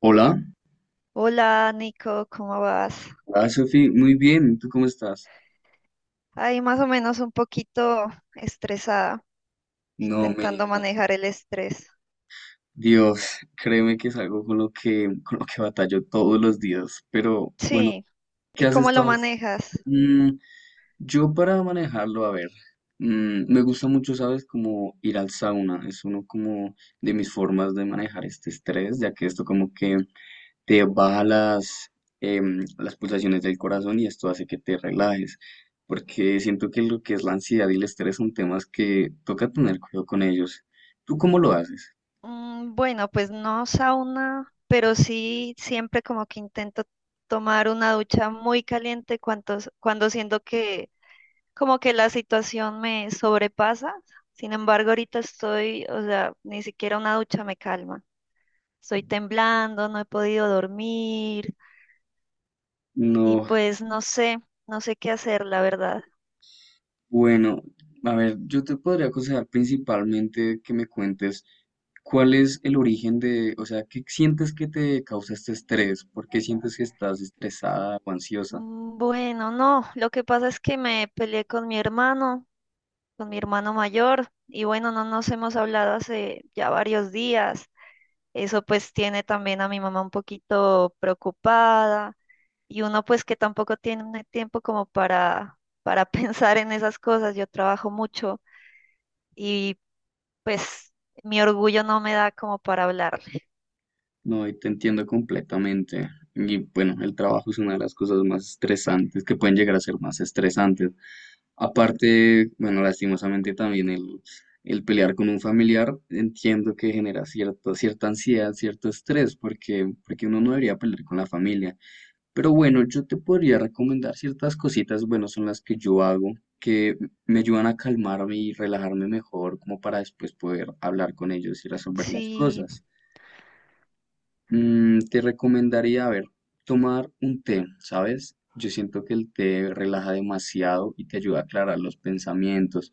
Hola, Hola Nico, ¿cómo vas? hola Sofi, muy bien, ¿tú cómo estás? Ahí más o menos un poquito estresada, No me intentando digas. manejar el estrés. Dios, créeme que es algo con lo que batallo todos los días, pero Sí, ¿qué ¿y has cómo lo estado? manejas? Mm, yo para manejarlo, a ver, me gusta mucho, ¿sabes? Como ir al sauna, es uno como de mis formas de manejar este estrés, ya que esto como que te baja las, las Sí. pulsaciones del corazón y esto hace que te relajes, porque siento que lo que es la ansiedad y el estrés son temas que toca tener cuidado con ellos. ¿Tú cómo lo haces? Bueno, pues no sauna, pero sí siempre como que intento tomar una ducha muy caliente cuando siento que como que la situación me sobrepasa. Sin embargo, ahorita estoy, o sea, ni siquiera una ducha me calma. Estoy temblando, no he podido dormir. Y No, pues no sé, no sé qué hacer, la verdad. bueno, a ver, yo te podría aconsejar principalmente que me cuentes cuál es el origen de, o sea, ¿qué sientes que te causa este estrés? ¿Por qué sientes que estás estresada o ansiosa? Bueno, no, lo que pasa es que me peleé con mi hermano mayor, y bueno, no nos hemos hablado hace ya varios días. Eso pues tiene también a mi mamá un poquito preocupada, y uno pues que tampoco tiene tiempo como para pensar en esas cosas. Yo trabajo mucho y pues mi orgullo no me da como para hablarle. No, y te entiendo completamente. Y bueno, el trabajo es una de las cosas más estresantes, que pueden llegar a ser más estresantes. Aparte, bueno, lastimosamente también el pelear con un familiar, entiendo que genera cierta, cierta ansiedad, cierto estrés, porque uno no debería pelear con la familia. Pero bueno, yo te podría recomendar ciertas cositas, bueno, son las que yo hago, que me ayudan a calmarme y relajarme mejor, como para después poder hablar con ellos y resolver las Sí, cosas. Mm, te recomendaría, a ver, tomar un té, ¿sabes? Yo siento que el té relaja demasiado y te ayuda a aclarar los pensamientos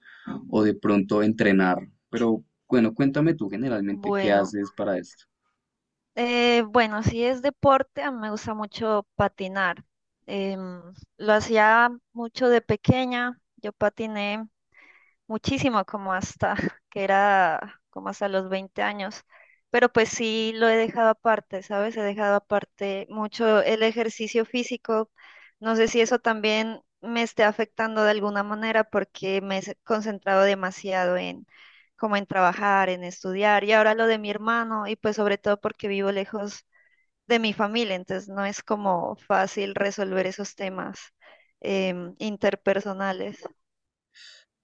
o de pronto entrenar. Pero bueno, cuéntame tú generalmente qué bueno. haces para esto. Bueno, si es deporte, a mí me gusta mucho patinar. Em, lo hacía mucho de pequeña. Yo patiné muchísimo, como hasta que era como hasta los 20 años. Pero pues sí lo he dejado aparte, ¿sabes? He dejado aparte mucho el ejercicio físico. No sé si eso también me esté afectando de alguna manera porque concentrado demasiado en como en trabajar, en estudiar y ahora lo de mi hermano y pues sobre todo porque vivo lejos de mi familia, entonces no es como fácil resolver esos temas interpersonales.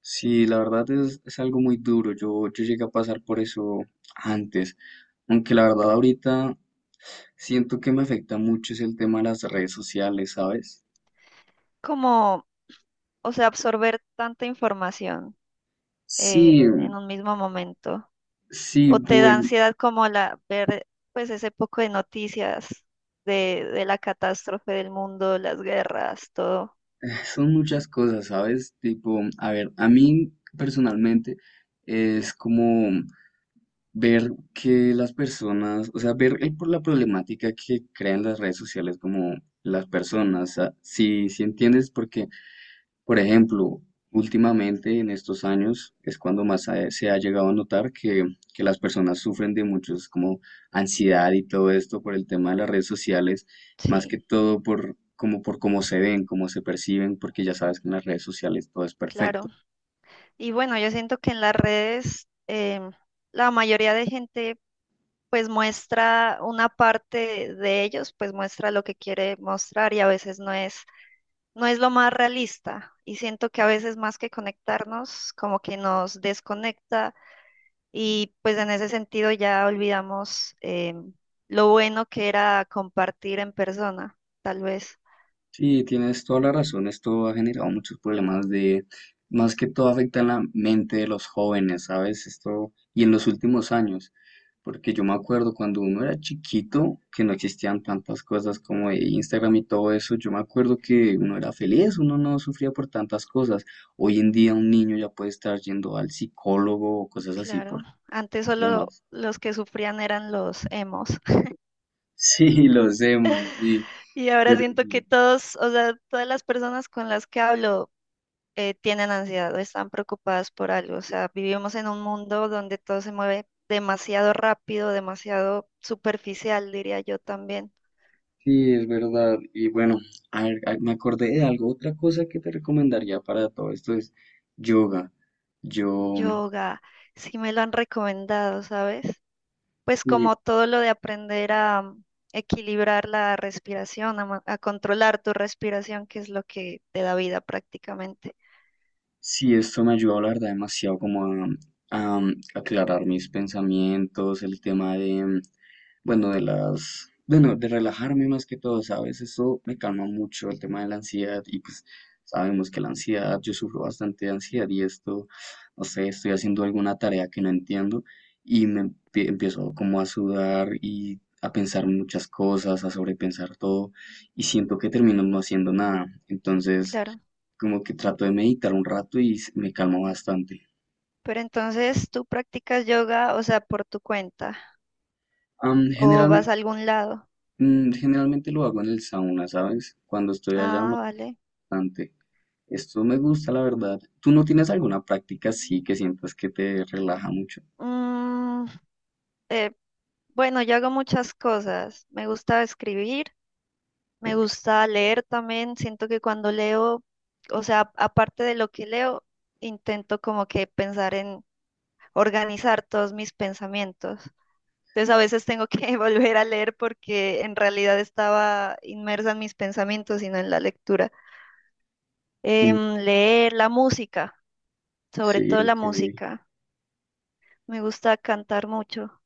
Sí, la verdad es algo muy duro. Yo llegué a pasar por eso antes, aunque la verdad ahorita siento que me afecta mucho es el tema de las redes sociales, ¿sabes? Como, o sea, absorber tanta información Sí, en un mismo momento. sí, O te da bueno. ansiedad como la ver pues ese poco de noticias de la catástrofe del mundo, las guerras, todo. Son muchas cosas, ¿sabes? Tipo, a ver, a mí personalmente es como ver que las personas, o sea, por la problemática que crean las redes sociales como las personas, o sea, si entiendes, porque por ejemplo, últimamente en estos años es cuando más se ha llegado a notar que las personas sufren de muchos como ansiedad y todo esto por el tema de las redes sociales, más que Sí, todo por como por cómo se ven, cómo se perciben, porque ya sabes que en las redes sociales todo es perfecto. claro. Y bueno, yo siento que en las redes la mayoría de gente pues muestra una parte de ellos, pues muestra lo que quiere mostrar y a veces no es lo más realista y siento que a veces más que conectarnos, como que nos desconecta. Y pues en ese sentido ya olvidamos lo bueno que era compartir en persona, tal vez. Sí, tienes toda la razón. Esto ha generado muchos problemas de, más que todo afecta en la mente de los jóvenes, ¿sabes? Esto, y en los últimos años, porque yo me acuerdo cuando uno era chiquito, que no existían tantas cosas como de Instagram y todo eso, yo me acuerdo que uno era feliz, uno no sufría por tantas cosas. Hoy en día un niño ya puede estar yendo al psicólogo o cosas así por Claro, antes solo temas. los que sufrían eran los emos. Sí, lo hacemos, sí, Y ahora pero... siento que sí. todos, o sea, todas las personas con las que hablo tienen ansiedad o están preocupadas por algo. O sea, vivimos en un mundo donde todo se mueve demasiado rápido, demasiado superficial, diría yo también. Sí, es verdad. Y bueno, a ver, me acordé de algo. Otra cosa que te recomendaría para todo esto es yoga. Yo, Yoga, sí me lo han recomendado, ¿sabes? Pues sí, como todo lo de aprender a equilibrar la respiración, a, a controlar tu respiración, que es lo que te da vida prácticamente. sí, esto me ayudó, la verdad, demasiado como a aclarar mis pensamientos, el tema de, bueno, de las, bueno, de relajarme más que todo, ¿sabes? Eso me calma mucho el tema de la ansiedad y pues sabemos que la ansiedad, yo sufro bastante de ansiedad y esto, no sé, estoy haciendo alguna tarea que no entiendo y empiezo como a sudar y a pensar muchas cosas, a sobrepensar todo y siento que termino no haciendo nada. Entonces, Claro. como que trato de meditar un rato y me calmo bastante. Pero entonces tú practicas yoga, o sea, ¿por tu cuenta, Am, o vas generalmente, a algún lado? Generalmente lo hago en el sauna, ¿sabes? Cuando estoy allá Ah, vale. bastante. Esto me gusta, la verdad. ¿Tú no tienes alguna práctica así que sientas que te relaja mucho? Mm, eh, bueno, yo hago muchas cosas. Me gusta escribir, me gusta leer también. Siento que cuando leo, o sea, aparte de lo que leo, intento como que pensar en organizar todos mis pensamientos. Entonces a veces tengo que volver a leer porque en realidad estaba inmersa en mis pensamientos y no en la lectura. Mm, Leer la música, sobre sí, todo la ok. música. Me gusta cantar mucho,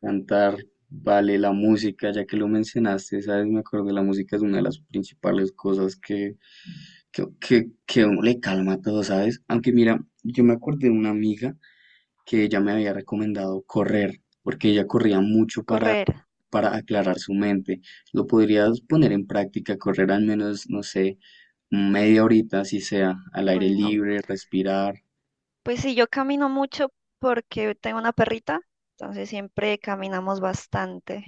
Cantar, vale, la música, ya que lo mencionaste, sabes, me acordé, la música es una de las principales cosas que, que a uno le calma todo, ¿sabes? Aunque mira, yo me acordé de una amiga que ella me había recomendado correr, porque ella corría mucho correr. para aclarar su mente. Lo podrías poner en práctica, correr al menos, no sé, media horita, si sea, al aire Bueno, libre, respirar. pues sí, yo camino mucho porque tengo una perrita, entonces siempre caminamos bastante.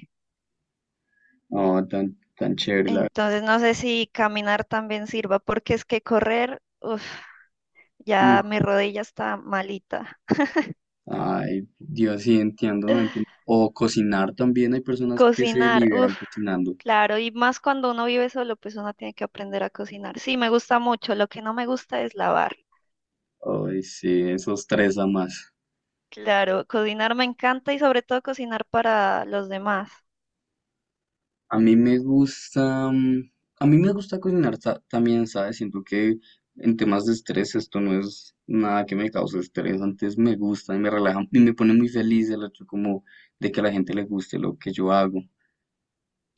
Oh, tan, tan chévere, la verdad. Entonces no sé si caminar también sirva porque es que correr, uf, Mm. ya mi rodilla está malita. Ay, Dios, sí, entiendo, no entiendo. O cocinar también, hay personas que se Cocinar, liberan uff, cocinando. claro, y más cuando uno vive solo, pues uno tiene que aprender a cocinar. Sí, me gusta mucho, lo que no me gusta es lavar. Ay, sí, eso estresa más. Claro, cocinar me encanta y sobre todo cocinar para los demás. A mí me gusta, a mí me gusta cocinar también, ¿sabes? Siento que en temas de estrés esto no es nada que me cause estrés, antes me gusta y me relaja y me pone muy feliz el hecho como de que a la gente le guste lo que yo hago.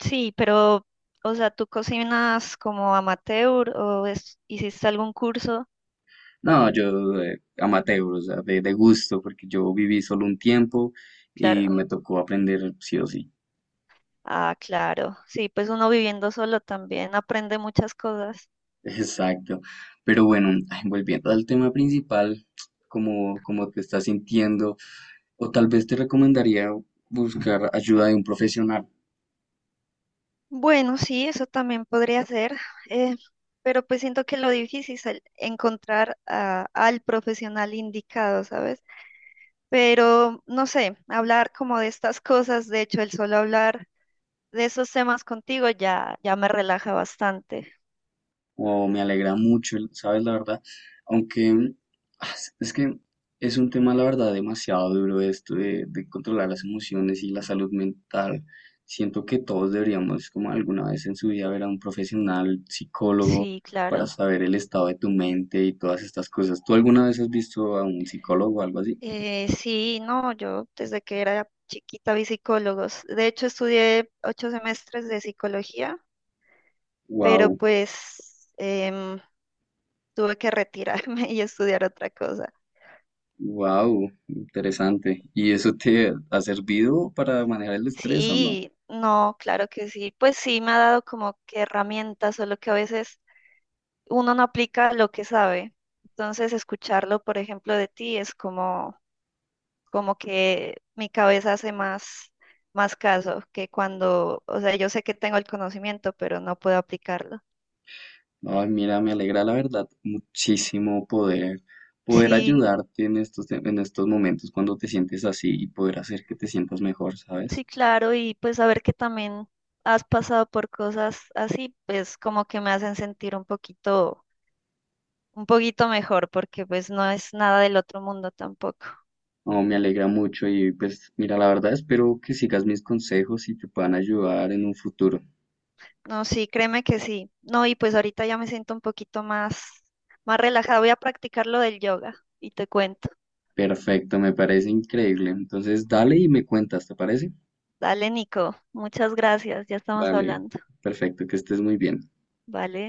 Sí, pero, o sea, ¿tú cocinas como amateur o hiciste algún curso? No, yo amateur, o sea, de gusto, porque yo viví solo un tiempo y Claro. me tocó aprender sí o sí. Ah, claro. Sí, pues uno viviendo solo también aprende muchas cosas. Exacto. Pero bueno, ay, volviendo al tema principal, como, como te estás sintiendo, o tal vez te recomendaría buscar ayuda de un profesional. Bueno, sí, eso también podría ser, eh, pero pues siento que lo difícil es el encontrar al profesional indicado, ¿sabes? Pero no sé, hablar como de estas cosas, de hecho, el solo hablar de esos temas contigo ya, ya me relaja bastante. O me alegra mucho, ¿sabes? La verdad, aunque ah, es que es un tema, la verdad, demasiado duro esto de controlar las emociones y la salud mental. Siento que todos deberíamos, como alguna vez en su vida, ver a un profesional, psicólogo, Sí, para claro. saber el estado de tu mente y todas estas cosas. ¿Tú alguna vez has visto a un psicólogo o algo así? Sí, no, yo desde que era chiquita vi psicólogos. De hecho, estudié 8 semestres de psicología, pero Wow, pues em, tuve que retirarme y estudiar otra cosa. wow, interesante. ¿Y eso te ha servido para manejar el estrés o no? Sí, no, claro que sí. Pues sí, me ha dado como que herramientas, solo que a veces uno no aplica lo que sabe. Entonces, escucharlo, por ejemplo, de ti es como, como que mi cabeza hace más, más caso que cuando, o sea, yo sé que tengo el conocimiento, pero no puedo aplicarlo. Ay, mira, me alegra la verdad muchísimo poder, poder Sí, ayudarte en estos, en estos momentos cuando te sientes así y poder hacer que te sientas mejor, ¿sabes? sí, claro, y pues saber que también has pasado por cosas así, pues como que me hacen sentir un poquito mejor, porque pues no es nada del otro mundo tampoco. No, me alegra mucho y pues mira, la verdad espero que sigas mis consejos y te puedan ayudar en un futuro. No, sí, créeme que sí. No, y pues ahorita ya me siento un poquito más, más relajada. Voy a practicar lo del yoga y te cuento. Perfecto, me parece increíble. Entonces, dale y me cuentas, ¿te parece? Dale, Nico. Muchas gracias. Ya estamos Vale, hablando. perfecto, que estés muy bien. Vale.